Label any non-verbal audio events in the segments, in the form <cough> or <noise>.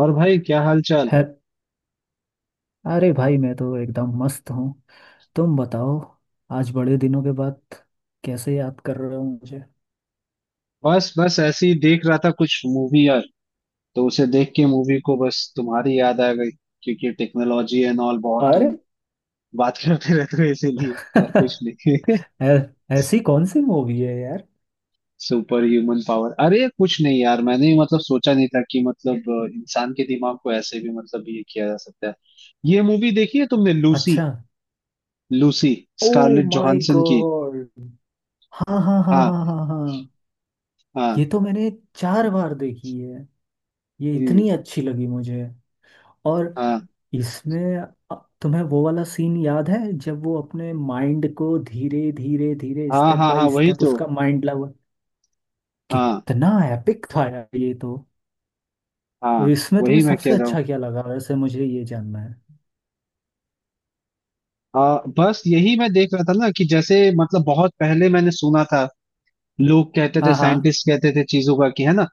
और भाई क्या हाल चाल। है। अरे भाई, मैं तो एकदम मस्त हूँ। तुम बताओ। आज बड़े दिनों के बाद कैसे याद कर रहे हो मुझे? बस बस ऐसे ही देख रहा था कुछ मूवी यार। तो उसे देख के मूवी को बस तुम्हारी याद आ गई क्योंकि टेक्नोलॉजी एंड ऑल बहुत अरे तुम बात करते <laughs> रहते हो इसीलिए और कुछ नहीं। <laughs> <laughs> ऐ- ऐसी कौन सी मूवी है यार? Super human power. अरे कुछ नहीं यार, मैंने ही मतलब सोचा नहीं था कि मतलब इंसान के दिमाग को ऐसे भी मतलब ये किया जा सकता है। ये मूवी देखी है तुमने, लूसी? अच्छा। Lucy, oh Scarlett my Johansson की। गॉड। हाँ हाँ हाँ हाँ। हाँ हाँ हाँ। हाँ। ये तो मैंने चार बार देखी है। ये हम्म। इतनी अच्छी लगी मुझे। और हाँ इसमें अ, तुम्हें वो वाला सीन याद है जब वो अपने माइंड को धीरे धीरे धीरे हाँ स्टेप हाँ हाँ, बाय वही स्टेप तो। उसका माइंड। हाँ। कितना एपिक था यार ये तो। तो हाँ इसमें तुम्हें वही मैं कह सबसे रहा हूँ। अच्छा क्या लगा वैसे? मुझे ये जानना है। हाँ बस यही मैं देख रहा था ना कि जैसे मतलब बहुत पहले मैंने सुना था। लोग कहते थे, हाँ हाँ साइंटिस्ट कहते थे चीजों का, कि है ना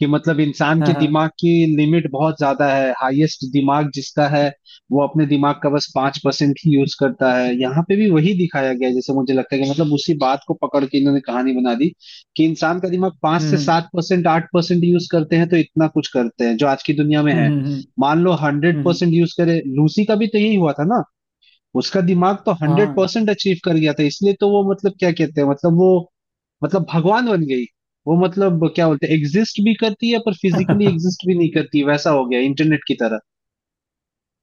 कि मतलब इंसान के हाँ हाँ। दिमाग की लिमिट बहुत ज्यादा है। हाईएस्ट दिमाग जिसका है वो अपने दिमाग का बस पांच परसेंट ही यूज करता है। यहाँ पे भी वही दिखाया गया है, जैसे मुझे लगता है कि मतलब उसी बात को पकड़ के इन्होंने कहानी बना दी कि इंसान का दिमाग पांच हम्म। से हम्म। सात परसेंट आठ परसेंट यूज करते हैं तो इतना कुछ करते हैं जो आज की दुनिया में हम्म। है। हम्म। हम्म। मान लो हंड्रेड हम्म। हम्म। परसेंट यूज करे, लूसी का भी तो यही हुआ था ना। उसका दिमाग तो हंड्रेड हाँ। परसेंट अचीव कर गया था, इसलिए तो वो मतलब क्या कहते हैं मतलब वो मतलब भगवान बन गई। वो मतलब क्या बोलते हैं, एग्जिस्ट भी करती है पर फिजिकली एग्जिस्ट <laughs> भी नहीं करती, वैसा हो गया इंटरनेट की तरह।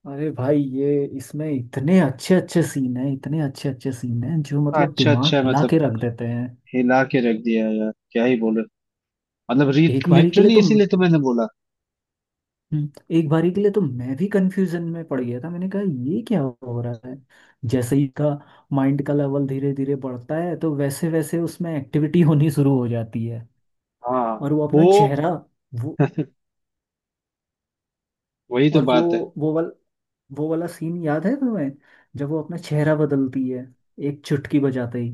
अरे भाई, ये इसमें इतने अच्छे अच्छे सीन हैं, इतने अच्छे अच्छे सीन हैं, जो मतलब अच्छा दिमाग अच्छा हिला मतलब, के रख देते हैं। हिला के रख दिया यार। क्या ही बोले मतलब, एक बारी के लिए लिटरली तो इसीलिए तो मैंने बोला। हम्म, एक बारी के लिए तो मैं भी कंफ्यूजन में पड़ गया था। मैंने कहा ये क्या हो रहा है? जैसे ही का माइंड का लेवल धीरे धीरे बढ़ता है तो वैसे वैसे उसमें एक्टिविटी होनी शुरू हो जाती है। हाँ और वो अपना वो चेहरा वो। <laughs> वही तो और बात है। वो वाल वो वाला सीन याद है तुम्हें, जब वो अपना चेहरा बदलती है एक चुटकी बजाते ही?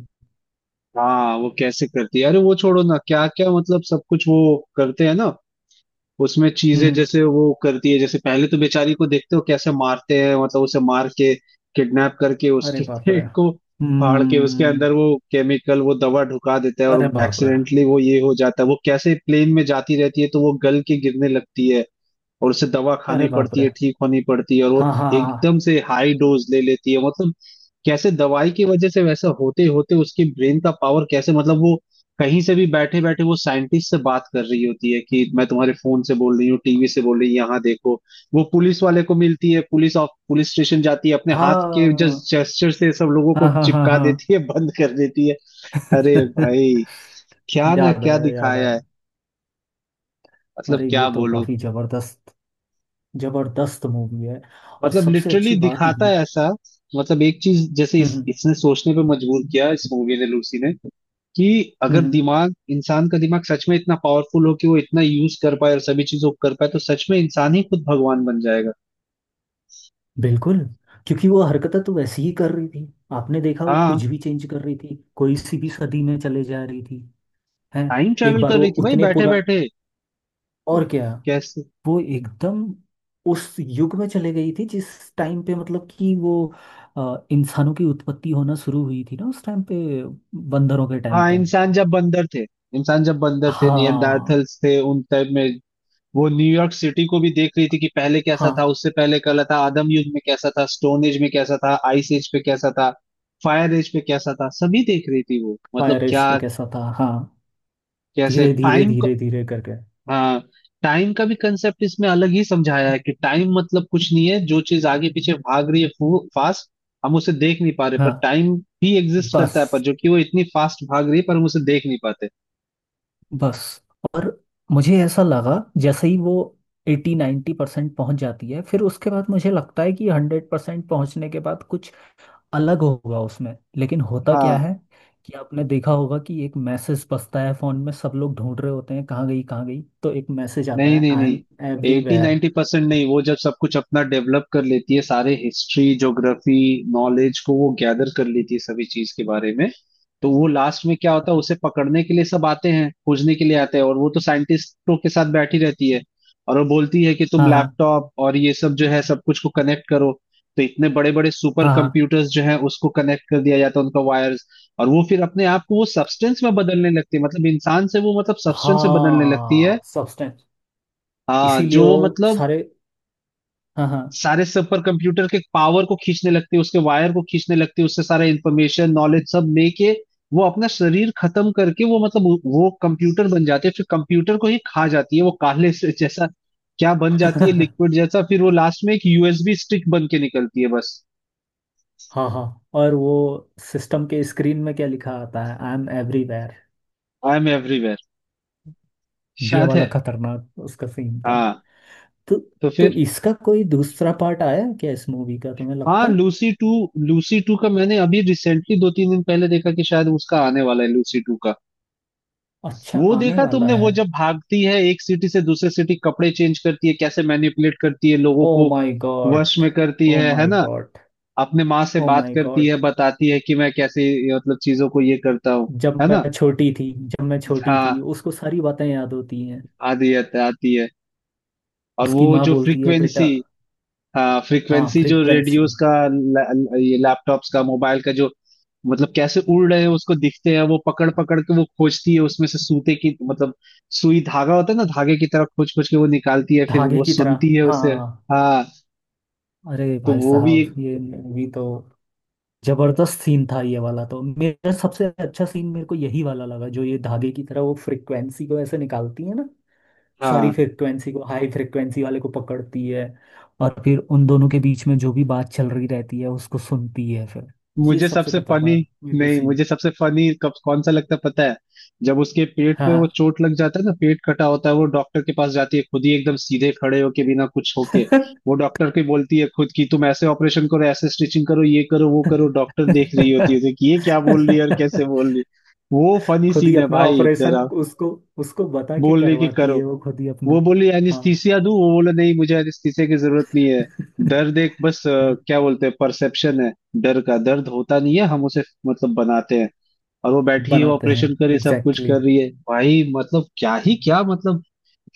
हाँ वो कैसे करती है, अरे वो छोड़ो ना क्या क्या मतलब सब कुछ वो करते हैं ना उसमें। चीजें हम्म। जैसे वो करती है, जैसे पहले तो बेचारी को देखते हो कैसे मारते हैं मतलब उसे मार के किडनैप करके अरे उसके <laughs> बाप रे, पेट को फाड़ के उसके हम्म। अंदर वो केमिकल वो दवा ढुका देता है अरे और बाप रे। एक्सीडेंटली वो ये हो जाता है। वो कैसे प्लेन में जाती रहती है तो वो गल के गिरने लगती है और उसे दवा खानी अरे बाप पड़ती रे। है, ठीक होनी पड़ती है, और वो हाँ हाँ एकदम से हाई डोज ले लेती है मतलब। कैसे दवाई की वजह से वैसा होते होते उसके ब्रेन का पावर कैसे मतलब वो कहीं से भी बैठे बैठे वो साइंटिस्ट से बात कर रही होती है कि मैं तुम्हारे फोन से बोल रही हूँ, टीवी से बोल रही हूँ, यहाँ देखो। वो पुलिस वाले को मिलती है, पुलिस ऑफ पुलिस स्टेशन जाती है, अपने हाँ हाथ के जस्ट हाँ जेस्चर से सब लोगों को हाँ हाँ हाँ चिपका हाँ। देती है, बंद कर देती है। अरे <laughs> भाई क्या ना याद क्या आया याद दिखाया आया। है, मतलब अरे क्या ये तो बोलूं। काफी जबरदस्त, जबरदस्त मूवी है। और मतलब सबसे लिटरली अच्छी बात दिखाता ये। है ऐसा। मतलब एक चीज जैसे इस, हम्म। इसने सोचने पे मजबूर किया, इस मूवी ने, लूसी ने, कि अगर हम्म। दिमाग इंसान का दिमाग सच में इतना पावरफुल हो कि वो इतना यूज कर पाए और सभी चीजों को कर पाए तो सच में इंसान ही खुद भगवान बन जाएगा। बिल्कुल। क्योंकि वो हरकतें तो वैसे ही कर रही थी, आपने देखा, वो हाँ कुछ भी चेंज कर रही थी, कोई सी भी सदी में चले जा रही थी। है। टाइम एक ट्रेवल बार कर वो रही थी भाई उतने बैठे पुरा। बैठे। और क्या, कैसे। वो एकदम उस युग में चले गई थी जिस टाइम पे मतलब कि वो इंसानों की उत्पत्ति होना शुरू हुई थी ना, उस टाइम पे, बंदरों के टाइम हाँ पे। इंसान जब बंदर थे, इंसान जब बंदर थे हाँ नियंडार्थल्स थे, उन टाइप में। वो न्यूयॉर्क सिटी को भी देख रही थी कि पहले कैसा हाँ। था, उससे पहले कैसा था, आदम युग में कैसा था, स्टोन एज में कैसा था, आइस एज पे कैसा था, फायर एज पे कैसा था, सभी देख रही थी वो, फायर मतलब रेस क्या। पे कैसा था, हाँ। कैसे धीरे धीरे टाइम का। धीरे धीरे करके। हाँ टाइम का भी कंसेप्ट इसमें अलग ही समझाया है कि टाइम मतलब कुछ नहीं है, जो चीज आगे पीछे भाग रही है फास्ट, हम उसे देख नहीं पा रहे। पर हाँ। टाइम भी एग्जिस्ट करता बस। है पर जो कि वो इतनी फास्ट भाग रही है पर हम उसे देख नहीं पाते। बस। और मुझे ऐसा लगा जैसे ही वो एटी 90% परसेंट पहुंच जाती है, फिर उसके बाद मुझे लगता है कि 100% पहुंचने के बाद कुछ अलग होगा उसमें, लेकिन होता क्या हाँ। है कि आपने देखा होगा कि एक मैसेज बजता है फोन में, सब लोग ढूंढ रहे होते हैं कहाँ गई कहाँ गई, तो एक मैसेज आता नहीं है नहीं आई नहीं, एम 80 एवरीवेयर। 90% नहीं। वो जब सब कुछ अपना डेवलप कर लेती है, सारे हिस्ट्री ज्योग्राफी नॉलेज को वो गैदर कर लेती है सभी चीज के बारे में, तो वो लास्ट में क्या होता है, उसे पकड़ने के लिए सब आते हैं, खोजने के लिए आते हैं और वो तो साइंटिस्टों के साथ बैठी रहती है। और वो बोलती है कि तुम हाँ हाँ लैपटॉप और ये सब जो है सब कुछ को कनेक्ट करो। तो इतने बड़े बड़े सुपर हाँ हाँ कंप्यूटर्स जो है उसको कनेक्ट कर दिया जाता है, उनका वायर्स। और वो फिर अपने आप को वो सब्सटेंस में बदलने लगती है, मतलब इंसान से वो मतलब सब्सटेंस में बदलने लगती है। हाँ। सब्सटेंस। हाँ इसीलिए जो वो वो मतलब सारे। हाँ हाँ। सारे सुपर कंप्यूटर के पावर को खींचने लगती है, उसके वायर को खींचने लगती है, उससे सारा इंफॉर्मेशन नॉलेज सब लेके वो अपना शरीर खत्म करके वो मतलब वो कंप्यूटर बन जाती है, फिर कंप्यूटर को ही खा जाती है। वो काले से जैसा क्या बन जाती है, <laughs> लिक्विड जैसा, फिर वो लास्ट में एक यूएसबी स्टिक बन के निकलती है बस। हाँ हाँ। और वो सिस्टम के स्क्रीन में क्या लिखा आता है? I am everywhere. I am everywhere, ये शायद है। वाला खतरनाक उसका सीन था। हाँ। तो तो फिर इसका कोई दूसरा पार्ट आया है क्या इस मूवी का तुम्हें हाँ, लगता है? लूसी टू, लूसी टू का मैंने अभी रिसेंटली दो तीन दिन पहले देखा कि शायद उसका आने वाला है, लूसी टू का। अच्छा, वो आने देखा वाला तुमने, वो है। जब भागती है एक सिटी से दूसरे सिटी, कपड़े चेंज करती है, कैसे मैनिपुलेट करती है लोगों ओ को, माय गॉड। वश में करती ओ है माय ना। गॉड। अपने माँ से ओ बात माय करती है, गॉड। बताती है कि मैं कैसे मतलब चीजों को ये करता हूँ, जब है मैं ना। छोटी थी, जब मैं छोटी थी, हाँ उसको सारी बातें याद होती हैं। आदि आती है। और उसकी वो माँ जो बोलती है बेटा। फ्रीक्वेंसी। हाँ हाँ, फ्रीक्वेंसी जो फ्रीक्वेंसी। रेडियोस का ला- ला- ये लैपटॉप्स का मोबाइल का जो मतलब कैसे उड़ रहे हैं उसको दिखते हैं, वो पकड़ पकड़ के वो खोजती है उसमें से सूते की मतलब सुई धागा होता है ना, धागे की तरह खोज खोज के वो निकालती है, फिर धागे वो की तरह, सुनती है उसे। हाँ। हाँ। अरे तो भाई वो भी साहब, एक। ये मूवी तो जबरदस्त सीन था ये वाला। तो मेरा सबसे अच्छा सीन मेरे को यही वाला लगा, जो ये धागे की तरह वो फ्रिक्वेंसी को ऐसे निकालती है ना। सारी हाँ फ्रिक्वेंसी को, हाई फ्रिक्वेंसी वाले को पकड़ती है। और फिर उन दोनों के बीच में जो भी बात चल रही रहती है उसको सुनती है फिर। ये मुझे सबसे सबसे फनी, खतरनाक मेरे को नहीं सीन। मुझे सबसे फनी कब कौन सा लगता है पता है? जब उसके पेट पे हाँ। वो चोट लग जाता है ना, पेट कटा होता है, वो डॉक्टर के पास जाती है खुद ही एकदम सीधे खड़े होके बिना कुछ होके वो डॉक्टर को बोलती है खुद की तुम ऐसे ऑपरेशन करो, ऐसे स्टिचिंग करो, ये करो वो करो, डॉक्टर देख रही होती है उसे <laughs> कि ये क्या बोल रही है और कैसे बोल रही है। वो फनी खुद ही सीन है अपना भाई ऑपरेशन तेरा। उसको उसको बता के बोल रही है कि करवाती करो। है वो, खुद ही वो अपना। बोली हाँ। एनिस्थीसिया दूं, वो बोले नहीं मुझे एनिस्थीसिया की जरूरत नहीं है। दर्द <laughs> एक बस क्या बोलते हैं परसेप्शन है, डर का दर्द होता नहीं है, हम उसे मतलब बनाते हैं। और वो बैठी है बनाते हैं। ऑपरेशन कर रही है, सब कुछ एग्जैक्टली, कर रही है भाई, मतलब क्या ही exactly. क्या मतलब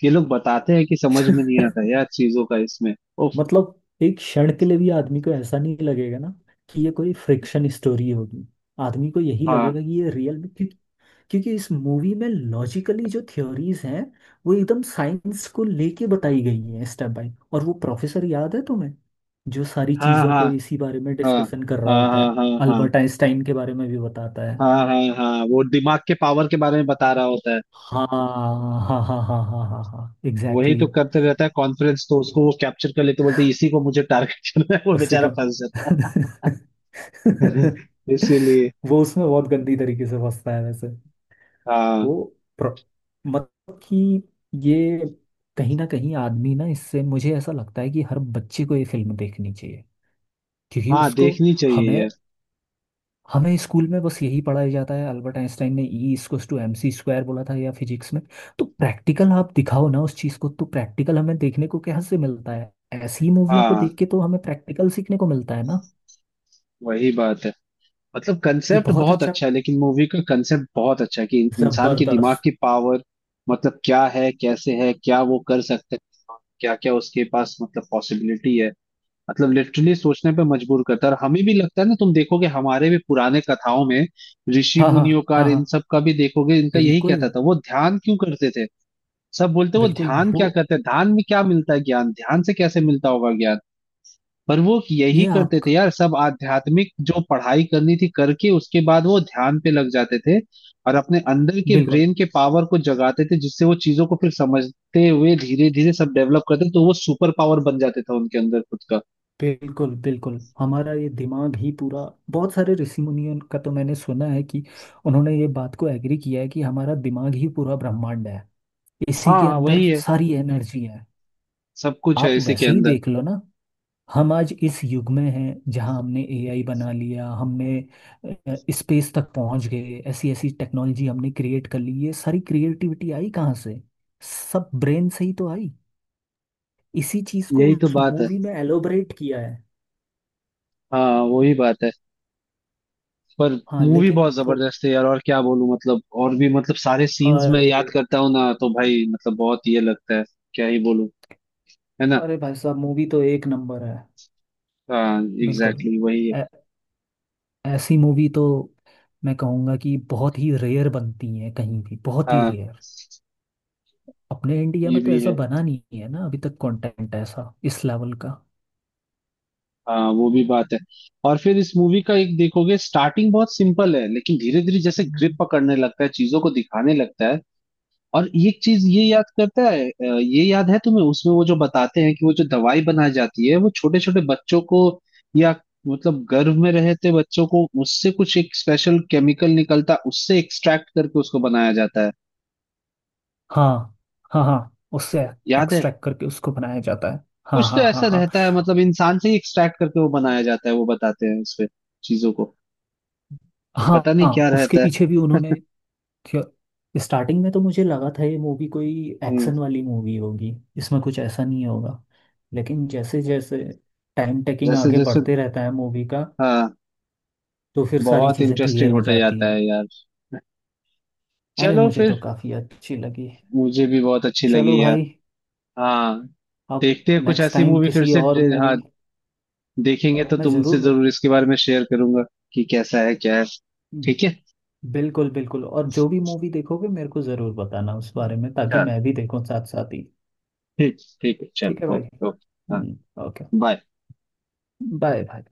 ये लोग बताते हैं कि समझ में नहीं आता <laughs> यार चीजों का इसमें। उफ। मतलब एक क्षण के लिए भी आदमी को ऐसा नहीं लगेगा ना कि ये कोई फ्रिक्शन स्टोरी होगी। आदमी को यही हाँ लगेगा कि ये रियल में, क्योंकि क्योंकि इस मूवी में लॉजिकली जो थ्योरीज हैं वो एकदम साइंस को लेके बताई गई हैं, स्टेप बाय। और वो प्रोफेसर याद है तुम्हें, जो सारी हाँ। चीजों हाँ को इसी बारे में हाँ डिस्कशन कर रहा हाँ होता हाँ। है? हाँ हाँ अल्बर्ट आइंस्टाइन के बारे में भी बताता है। हाँ हाँ हाँ वो दिमाग के पावर के बारे में बता रहा होता है। हाँ हाँ हाँ हाँ हाँ हाँ हाँ, वही एग्जैक्टली। तो करते रहता है कॉन्फ्रेंस, तो उसको वो कैप्चर कर लेते, बोलते इसी को मुझे टारगेट <laughs> करना है, वो उससे बेचारा कम फंस। <laughs> <laughs> इसीलिए। <laughs> वो उसमें बहुत गंदी तरीके से फंसता है वैसे। वो हाँ। प्र- मतलब कि ये कहीं ना कहीं आदमी ना, इससे मुझे ऐसा लगता है कि हर बच्चे को ये फिल्म देखनी चाहिए। क्योंकि हाँ उसको देखनी चाहिए हमें यार। हमें स्कूल में बस यही पढ़ाया जाता है अल्बर्ट आइंस्टाइन ने E equals to M C square बोला था, या फिजिक्स में। तो प्रैक्टिकल आप दिखाओ ना उस चीज़ को, तो प्रैक्टिकल हमें देखने को कहाँ से मिलता है? ऐसी मूवियों को हाँ देख के तो हमें प्रैक्टिकल सीखने को मिलता है ना। वही बात है। मतलब ये कंसेप्ट बहुत बहुत अच्छा, अच्छा है, लेकिन मूवी का कंसेप्ट बहुत अच्छा है कि इंसान के दिमाग जबरदस्त। की पावर मतलब क्या है, कैसे है, क्या वो कर सकते हैं, क्या क्या उसके पास मतलब पॉसिबिलिटी है। मतलब लिटरली सोचने पे मजबूर करता है और हमें भी लगता है ना, तुम देखोगे हमारे भी पुराने कथाओं में ऋषि हाँ हाँ मुनियों का हाँ और इन हाँ, सब का भी देखोगे इनका यही बिल्कुल कहता था। वो ध्यान क्यों करते थे, सब बोलते हैं वो बिल्कुल। ध्यान वो, क्या करते हैं, ध्यान में क्या मिलता है, ज्ञान ध्यान से कैसे मिलता होगा ज्ञान। पर वो यही ये करते थे आप, यार, सब आध्यात्मिक जो पढ़ाई करनी थी करके उसके बाद वो ध्यान पे लग जाते थे और अपने अंदर के बिल्कुल ब्रेन के पावर को जगाते थे, जिससे वो चीजों को फिर समझते हुए धीरे धीरे सब डेवलप करते तो वो सुपर पावर बन जाते था उनके अंदर खुद का। बिल्कुल बिल्कुल हमारा ये दिमाग ही पूरा। बहुत सारे ऋषि मुनियों का तो मैंने सुना है कि उन्होंने ये बात को एग्री किया है कि हमारा दिमाग ही पूरा ब्रह्मांड है। इसी के हाँ अंदर वही है, सारी एनर्जी है। सब कुछ है आप इसी के वैसे ही अंदर। देख लो ना। हम आज इस युग में हैं जहां हमने एआई बना लिया, हमने स्पेस तक पहुंच गए, ऐसी ऐसी टेक्नोलॉजी हमने क्रिएट कर ली। ये सारी क्रिएटिविटी आई कहाँ से? सब ब्रेन से ही तो आई। इसी चीज को यही तो उस बात है। मूवी में एलोबरेट किया है। हाँ वही बात है। पर हाँ मूवी लेकिन बहुत थो जबरदस्त है यार, और क्या बोलूं, मतलब और भी मतलब सारे सीन्स में अरे, याद करता हूँ ना तो भाई मतलब बहुत ये लगता है, क्या ही बोलूं, है ना। अरे भाई साहब, मूवी तो एक नंबर है। हाँ बिल्कुल। एग्जैक्टली, exactly, वही है। ऐ- ऐसी मूवी तो मैं कहूँगा कि बहुत ही रेयर बनती है कहीं भी, बहुत ही हाँ रेयर। अपने इंडिया ये में तो भी ऐसा है। बना नहीं है ना अभी तक, कंटेंट ऐसा इस लेवल का। हाँ वो भी बात है। और फिर इस मूवी का एक देखोगे, स्टार्टिंग बहुत सिंपल है लेकिन धीरे धीरे जैसे ग्रिप हम्म। पकड़ने लगता है, चीजों को दिखाने लगता है। और एक चीज ये याद करता है ये याद है तुम्हें, उसमें वो जो बताते हैं कि वो जो दवाई बनाई जाती है वो छोटे छोटे बच्चों को या मतलब गर्भ में रहते बच्चों को उससे कुछ एक स्पेशल केमिकल निकलता है, उससे एक्सट्रैक्ट करके उसको बनाया जाता है, हाँ हाँ हाँ, उससे याद है। एक्सट्रैक्ट करके उसको बनाया जाता है। हाँ कुछ तो हाँ हाँ ऐसा हाँ रहता है मतलब इंसान से ही एक्सट्रैक्ट करके वो बनाया जाता है, वो बताते हैं उसपे चीजों को। और हाँ पता नहीं क्या हाँ, उसके रहता है। पीछे भी उन्होंने। क्यों, स्टार्टिंग में तो मुझे लगा था ये मूवी कोई हम्म। एक्शन वाली मूवी होगी। इसमें कुछ ऐसा नहीं होगा, लेकिन जैसे जैसे टाइम टेकिंग जैसे आगे जैसे बढ़ते रहता है मूवी का, हाँ तो फिर सारी बहुत चीज़ें इंटरेस्टिंग क्लियर हो होते जाती जाता हैं। है यार। अरे चलो मुझे फिर। तो काफ़ी अच्छी लगी। मुझे भी बहुत अच्छी चलो लगी यार। भाई, हाँ अब देखते हैं कुछ नेक्स्ट ऐसी टाइम मूवी फिर किसी से और हाँ मूवी, देखेंगे तो मैं तुमसे ज़रूर। जरूर इसके बारे में शेयर करूंगा कि कैसा है क्या है। ठीक है। बिल्कुल बिल्कुल, और जो भी मूवी देखोगे मेरे को ज़रूर बताना उस बारे में, ताकि चलो मैं भी देखूं साथ साथ ही। ठीक, ठीक है ठीक है चलो, भाई। ओके ओके हाँ। ओके। बाय। बाय भाई।